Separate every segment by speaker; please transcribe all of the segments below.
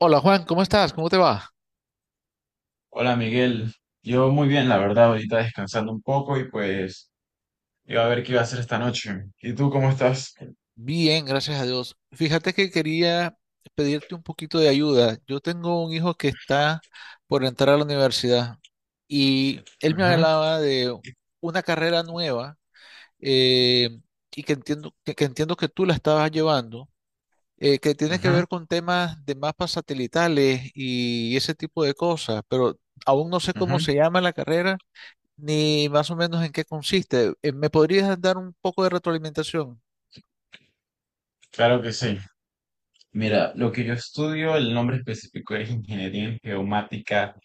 Speaker 1: Hola Juan, ¿cómo estás? ¿Cómo te va?
Speaker 2: Hola Miguel, yo muy bien, la verdad, ahorita descansando un poco y pues iba a ver qué iba a hacer esta noche. ¿Y tú cómo estás?
Speaker 1: Bien, gracias a Dios. Fíjate que quería pedirte un poquito de ayuda. Yo tengo un hijo que está por entrar a la universidad y él me
Speaker 2: Ujú,
Speaker 1: hablaba de una carrera nueva eh, y que entiendo que entiendo que tú la estabas llevando, que tiene que
Speaker 2: ujú,
Speaker 1: ver con temas de mapas satelitales y ese tipo de cosas, pero aún no sé cómo
Speaker 2: ujú,
Speaker 1: se llama la carrera ni más o menos en qué consiste. ¿Me podrías dar un poco de retroalimentación?
Speaker 2: claro que sí. Mira, lo que yo estudio, el nombre específico es Ingeniería en Geomática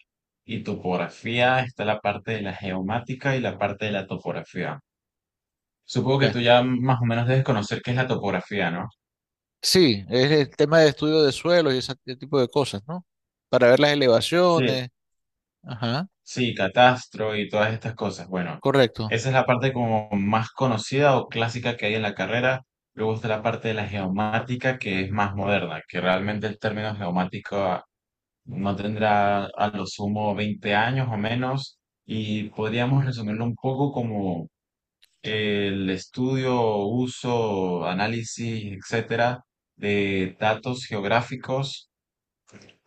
Speaker 2: y Topografía. Está la parte de la geomática y la parte de la topografía. Supongo que
Speaker 1: Ya.
Speaker 2: tú ya más o menos debes conocer qué es la topografía, ¿no?
Speaker 1: Sí, es el tema de estudio de suelos y ese tipo de cosas, ¿no? Para ver las elevaciones. Ajá,
Speaker 2: Sí, Catastro y todas estas cosas. Bueno,
Speaker 1: correcto.
Speaker 2: esa es la parte como más conocida o clásica que hay en la carrera. Luego está la parte de la geomática, que es más moderna, que realmente el término geomática no tendrá a lo sumo 20 años o menos. Y podríamos resumirlo un poco como el estudio, uso, análisis, etcétera, de datos geográficos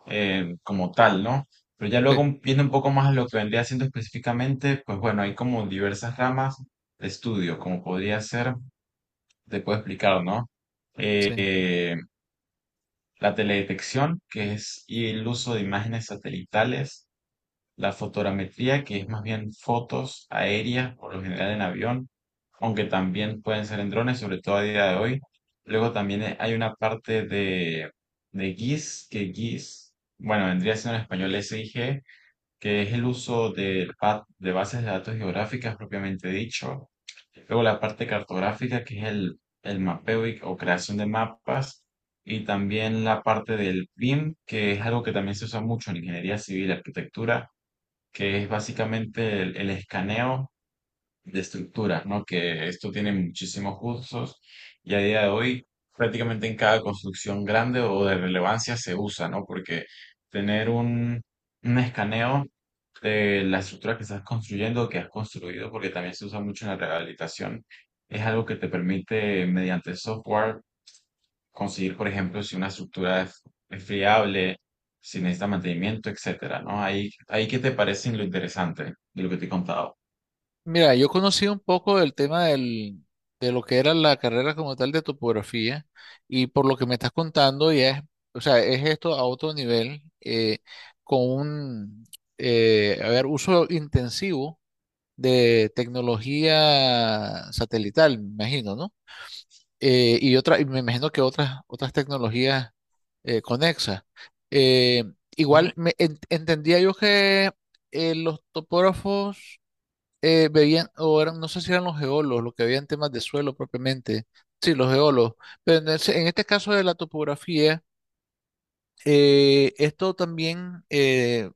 Speaker 2: como tal, ¿no? Pero ya
Speaker 1: Sí,
Speaker 2: luego viendo un poco más a lo que vendría haciendo específicamente, pues bueno, hay como diversas ramas de estudio, como podría ser, te puedo explicar, ¿no?
Speaker 1: sí.
Speaker 2: Eh, la teledetección, que es el uso de imágenes satelitales, la fotogrametría, que es más bien fotos aéreas, por lo general en avión, aunque también pueden ser en drones, sobre todo a día de hoy. Luego también hay una parte de, GIS, que GIS, bueno, vendría siendo en español SIG, que es el uso de, de bases de datos geográficas propiamente dicho. Luego la parte cartográfica, que es el mapeo o creación de mapas. Y también la parte del BIM, que es algo que también se usa mucho en ingeniería civil, arquitectura, que es básicamente el escaneo de estructuras, ¿no? Que esto tiene muchísimos usos y a día de hoy prácticamente en cada construcción grande o de relevancia se usa, ¿no? Porque tener un escaneo de la estructura que estás construyendo o que has construido, porque también se usa mucho en la rehabilitación, es algo que te permite mediante software conseguir, por ejemplo, si una estructura es fiable, si necesita mantenimiento, etcétera, ¿no? Ahí qué te parece lo interesante de lo que te he contado.
Speaker 1: Mira, yo conocí un poco del tema del, de lo que era la carrera como tal de topografía y por lo que me estás contando ya es, o sea, es esto a otro nivel con un, a ver, uso intensivo de tecnología satelital, me imagino, ¿no? Y otra, y me imagino que otras, otras tecnologías conexas. Eh,
Speaker 2: Ujú,
Speaker 1: Igual me, entendía yo que los topógrafos veían, o eran, no sé si eran los geólogos, los que veían temas de suelo propiamente. Sí, los geólogos. Pero en, en este caso de la topografía, esto también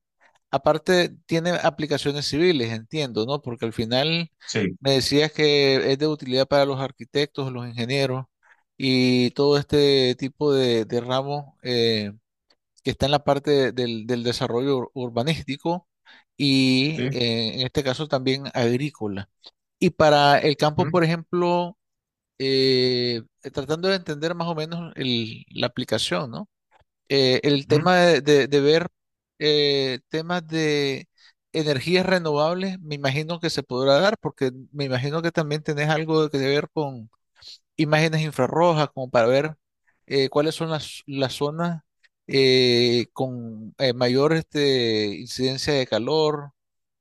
Speaker 1: aparte, tiene aplicaciones civiles, entiendo, ¿no? Porque al final
Speaker 2: sí,
Speaker 1: me decías que es de utilidad para los arquitectos, los ingenieros y todo este tipo de ramos que está en la parte del, del desarrollo urbanístico y
Speaker 2: sí,
Speaker 1: en este caso también agrícola. Y para el campo,
Speaker 2: ujú,
Speaker 1: por ejemplo, eh, tratando de entender más o menos la aplicación, ¿no? El
Speaker 2: ujú,
Speaker 1: tema de, de ver temas de energías renovables, me imagino que se podrá dar, porque me imagino que también tenés algo que ver con imágenes infrarrojas, como para ver cuáles son las zonas con mayor este, incidencia de calor.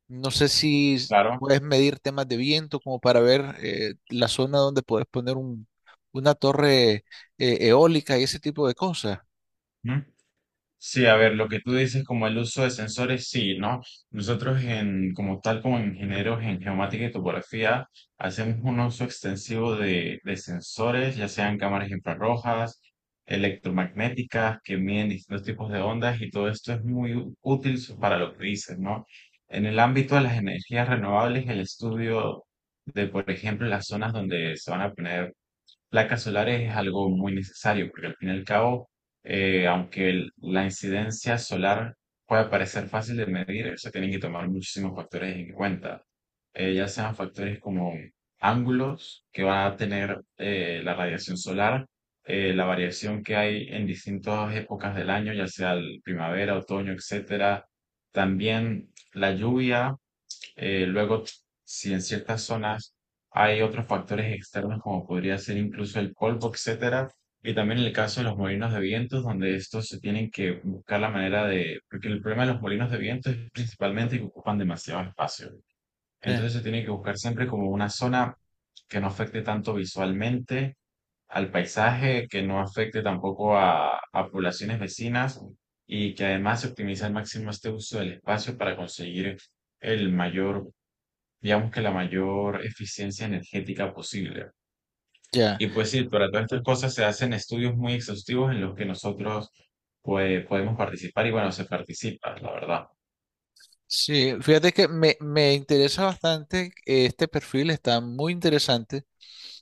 Speaker 1: No sé si
Speaker 2: claro.
Speaker 1: puedes medir temas de viento, como para ver la zona donde puedes poner una torre eólica y ese tipo de cosas.
Speaker 2: Sí, a ver, lo que tú dices como el uso de sensores, sí, ¿no? Nosotros como tal, como ingenieros en geomática y topografía, hacemos un uso extensivo de sensores, ya sean cámaras infrarrojas, electromagnéticas, que miden distintos tipos de ondas y todo esto es muy útil para lo que dices, ¿no? En el ámbito de las energías renovables, el estudio de, por ejemplo, las zonas donde se van a poner placas solares es algo muy necesario porque al fin y al cabo, aunque la incidencia solar puede parecer fácil de medir, se tienen que tomar muchísimos factores en cuenta. Ya sean factores como ángulos que va a tener la radiación solar, la variación que hay en distintas épocas del año, ya sea el primavera, otoño, etcétera, también la lluvia, luego, si en ciertas zonas hay otros factores externos como podría ser incluso el polvo, etcétera, y también en el caso de los molinos de vientos, donde estos se tienen que buscar la manera de, porque el problema de los molinos de viento es principalmente que ocupan demasiado espacio.
Speaker 1: Sí.
Speaker 2: Entonces se tiene que buscar siempre como una zona que no afecte tanto visualmente al paisaje, que no afecte tampoco a poblaciones vecinas y que además se optimice al máximo este uso del espacio para conseguir el mayor, digamos que la mayor eficiencia energética posible.
Speaker 1: Ya.
Speaker 2: Y pues sí, para todas estas cosas se hacen estudios muy exhaustivos en los que nosotros pues, podemos participar y bueno, se participa, la verdad.
Speaker 1: Sí, fíjate que me interesa bastante, este perfil está muy interesante,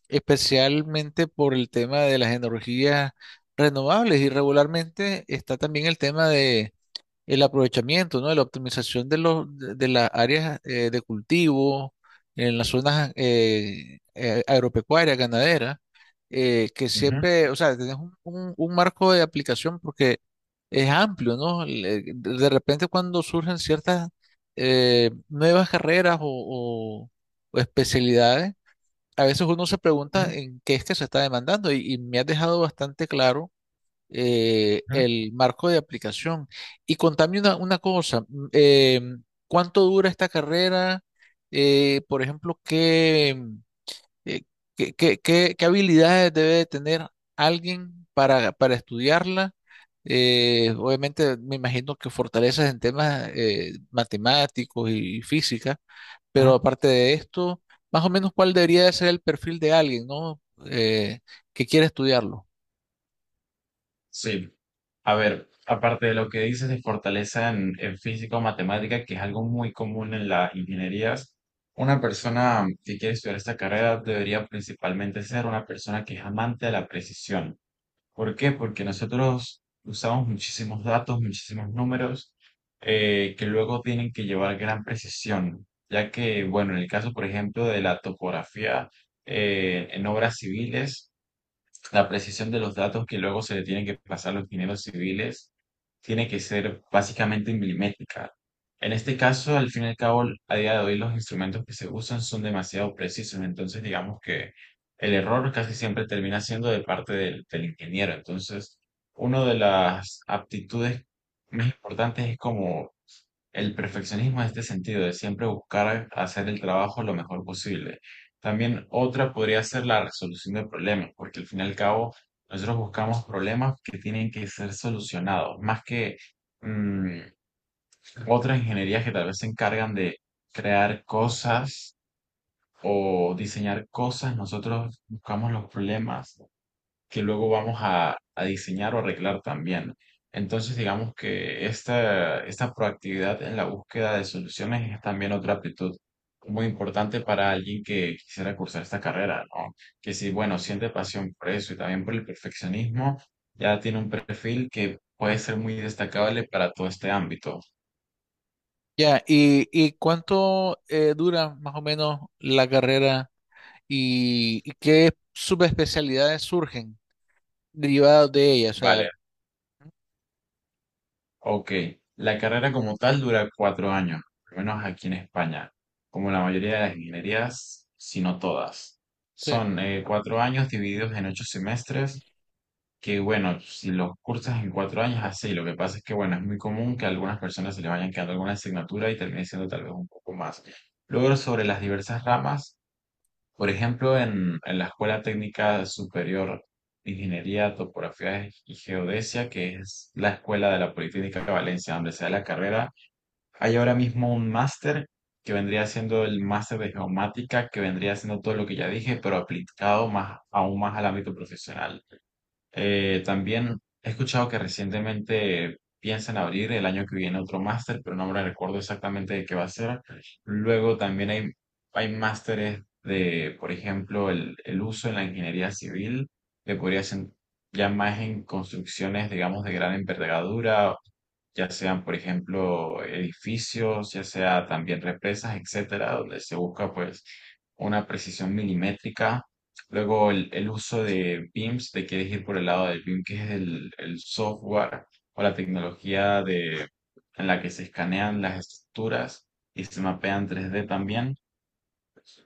Speaker 1: especialmente por el tema de las energías renovables y regularmente está también el tema de el aprovechamiento, ¿no? La optimización de los, de las áreas de cultivo en las zonas agropecuarias, ganaderas, que
Speaker 2: Ujú,
Speaker 1: siempre, o sea, tenés un, un marco de aplicación porque es amplio, ¿no? De repente cuando surgen ciertas nuevas carreras o, o especialidades, a veces uno se pregunta
Speaker 2: ujú,
Speaker 1: en qué es que se está demandando y me ha dejado bastante claro
Speaker 2: ujú,
Speaker 1: el marco de aplicación. Y contame una cosa, ¿cuánto dura esta carrera? Por ejemplo, ¿qué, eh, qué, qué habilidades debe de tener alguien para estudiarla? Obviamente me imagino que fortalezas en temas matemáticos y física, pero
Speaker 2: ujú.
Speaker 1: aparte de esto, más o menos cuál debería de ser el perfil de alguien, ¿no? Que quiere estudiarlo.
Speaker 2: Sí. A ver, aparte de lo que dices de fortaleza en física o matemática, que es algo muy común en las ingenierías, una persona que quiere estudiar esta carrera debería principalmente ser una persona que es amante de la precisión. ¿Por qué? Porque nosotros usamos muchísimos datos, muchísimos números que luego tienen que llevar gran precisión, ya que, bueno, en el caso, por ejemplo, de la topografía, en obras civiles, la precisión de los datos que luego se le tienen que pasar a los ingenieros civiles tiene que ser básicamente milimétrica. En este caso, al fin y al cabo, a día de hoy los instrumentos que se usan son demasiado precisos, entonces digamos que el error casi siempre termina siendo de parte del ingeniero. Entonces, una de las aptitudes más importantes es como el perfeccionismo en este sentido de siempre buscar hacer el trabajo lo mejor posible. También otra podría ser la resolución de problemas, porque al fin y al cabo nosotros buscamos problemas que tienen que ser solucionados, más que mm, otras ingenierías que tal vez se encargan de crear cosas o diseñar cosas, nosotros buscamos los problemas que luego vamos a diseñar o arreglar también. Entonces, digamos que esta proactividad en la búsqueda de soluciones es también otra aptitud muy importante para alguien que quisiera cursar esta carrera, ¿no? Que si, bueno, siente pasión por eso y también por el perfeccionismo, ya tiene un perfil que puede ser muy destacable para todo este ámbito.
Speaker 1: Ya, y cuánto dura más o menos la carrera y ¿qué subespecialidades surgen derivadas de ella? O sea,
Speaker 2: Vale. Ok, la carrera como tal dura 4 años, al menos aquí en España, como la mayoría de las ingenierías, si no todas.
Speaker 1: sí.
Speaker 2: Son 4 años divididos en 8 semestres, que bueno, si los cursas en 4 años, así. Lo que pasa es que bueno, es muy común que a algunas personas se les vayan quedando alguna asignatura y termine siendo tal vez un poco más. Luego, sobre las diversas ramas, por ejemplo, en la Escuela Técnica Superior de Ingeniería, Topografía y Geodesia, que es la escuela de la Politécnica de Valencia, donde se da la carrera, hay ahora mismo un máster que vendría siendo el máster de geomática, que vendría siendo todo lo que ya dije, pero aplicado más, aún más al ámbito profesional. También he escuchado que recientemente piensan abrir el año que viene otro máster, pero no me recuerdo exactamente de qué va a ser. Luego también hay másteres de, por ejemplo, el uso en la ingeniería civil, que podría ser ya más en construcciones, digamos, de gran envergadura, ya sean, por ejemplo, edificios, ya sea también represas, etcétera, donde se busca pues una precisión milimétrica. Luego el uso de BIMs, te quieres ir por el lado del BIM, que es el software o la tecnología de, en la que se escanean las estructuras y se mapean 3D también.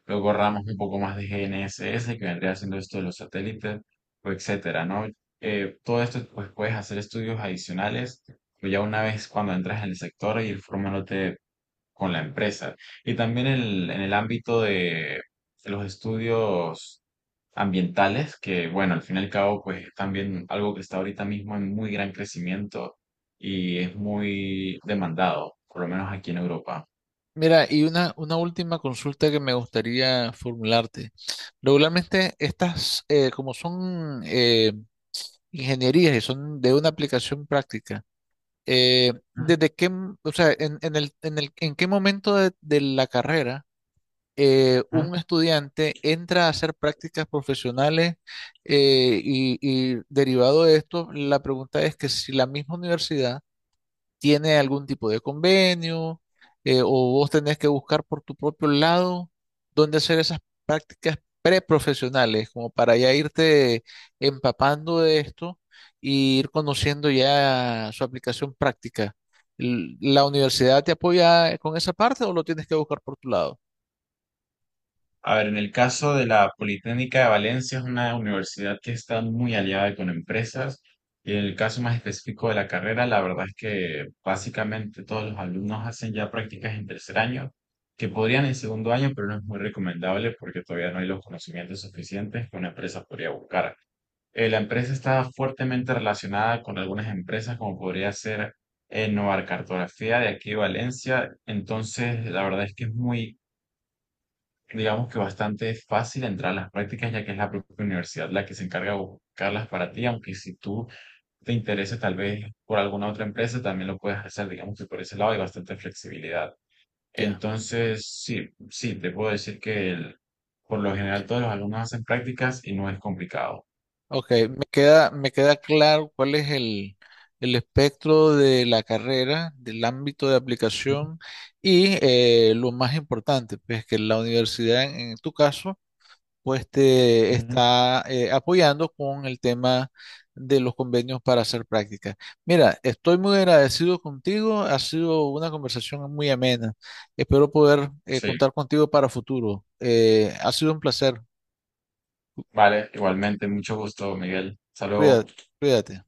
Speaker 2: Luego ramas un poco más de GNSS, que vendría siendo esto de los satélites, o etcétera, ¿no? Todo esto, pues puedes hacer estudios adicionales, pues ya una vez cuando entras en el sector, ir formándote con la empresa. Y también en el ámbito de los estudios ambientales, que bueno, al fin y al cabo, pues es también algo que está ahorita mismo en muy gran crecimiento y es muy demandado, por lo menos aquí en Europa.
Speaker 1: Mira, y una última consulta que me gustaría formularte. Regularmente estas, como son ingenierías y son de una aplicación práctica,
Speaker 2: Ujú,
Speaker 1: ¿desde qué, o sea, en el, en el, en qué momento de la carrera
Speaker 2: ujú.
Speaker 1: un estudiante entra a hacer prácticas profesionales eh, y, y derivado de esto, la pregunta es que si la misma universidad tiene algún tipo de convenio o vos tenés que buscar por tu propio lado dónde hacer esas prácticas preprofesionales, como para ya irte empapando de esto y ir conociendo ya su aplicación práctica. ¿La universidad te apoya con esa parte o lo tienes que buscar por tu lado?
Speaker 2: A ver, en el caso de la Politécnica de Valencia es una universidad que está muy aliada con empresas y en el caso más específico de la carrera, la verdad es que básicamente todos los alumnos hacen ya prácticas en tercer año, que podrían en segundo año, pero no es muy recomendable porque todavía no hay los conocimientos suficientes que una empresa podría buscar. La empresa está fuertemente relacionada con algunas empresas como podría ser Novar Cartografía de aquí de Valencia, entonces la verdad es que es muy, digamos que bastante fácil entrar a las prácticas, ya que es la propia universidad la que se encarga de buscarlas para ti, aunque si tú te intereses tal vez por alguna otra empresa, también lo puedes hacer, digamos que por ese lado hay bastante flexibilidad.
Speaker 1: Ya.
Speaker 2: Entonces, sí, sí, te puedo decir que por lo general todos los alumnos hacen prácticas y no es complicado.
Speaker 1: Ok, me queda claro cuál es el espectro de la carrera, del ámbito de
Speaker 2: Ujú,
Speaker 1: aplicación y lo más importante, pues que la universidad en tu caso, pues te
Speaker 2: ujú.
Speaker 1: está apoyando con el tema de los convenios para hacer prácticas. Mira, estoy muy agradecido contigo, ha sido una conversación muy amena. Espero poder
Speaker 2: Sí,
Speaker 1: contar contigo para futuro. Ha sido un placer.
Speaker 2: vale, igualmente, mucho gusto, Miguel.
Speaker 1: Cuídate,
Speaker 2: Saludos.
Speaker 1: cuídate.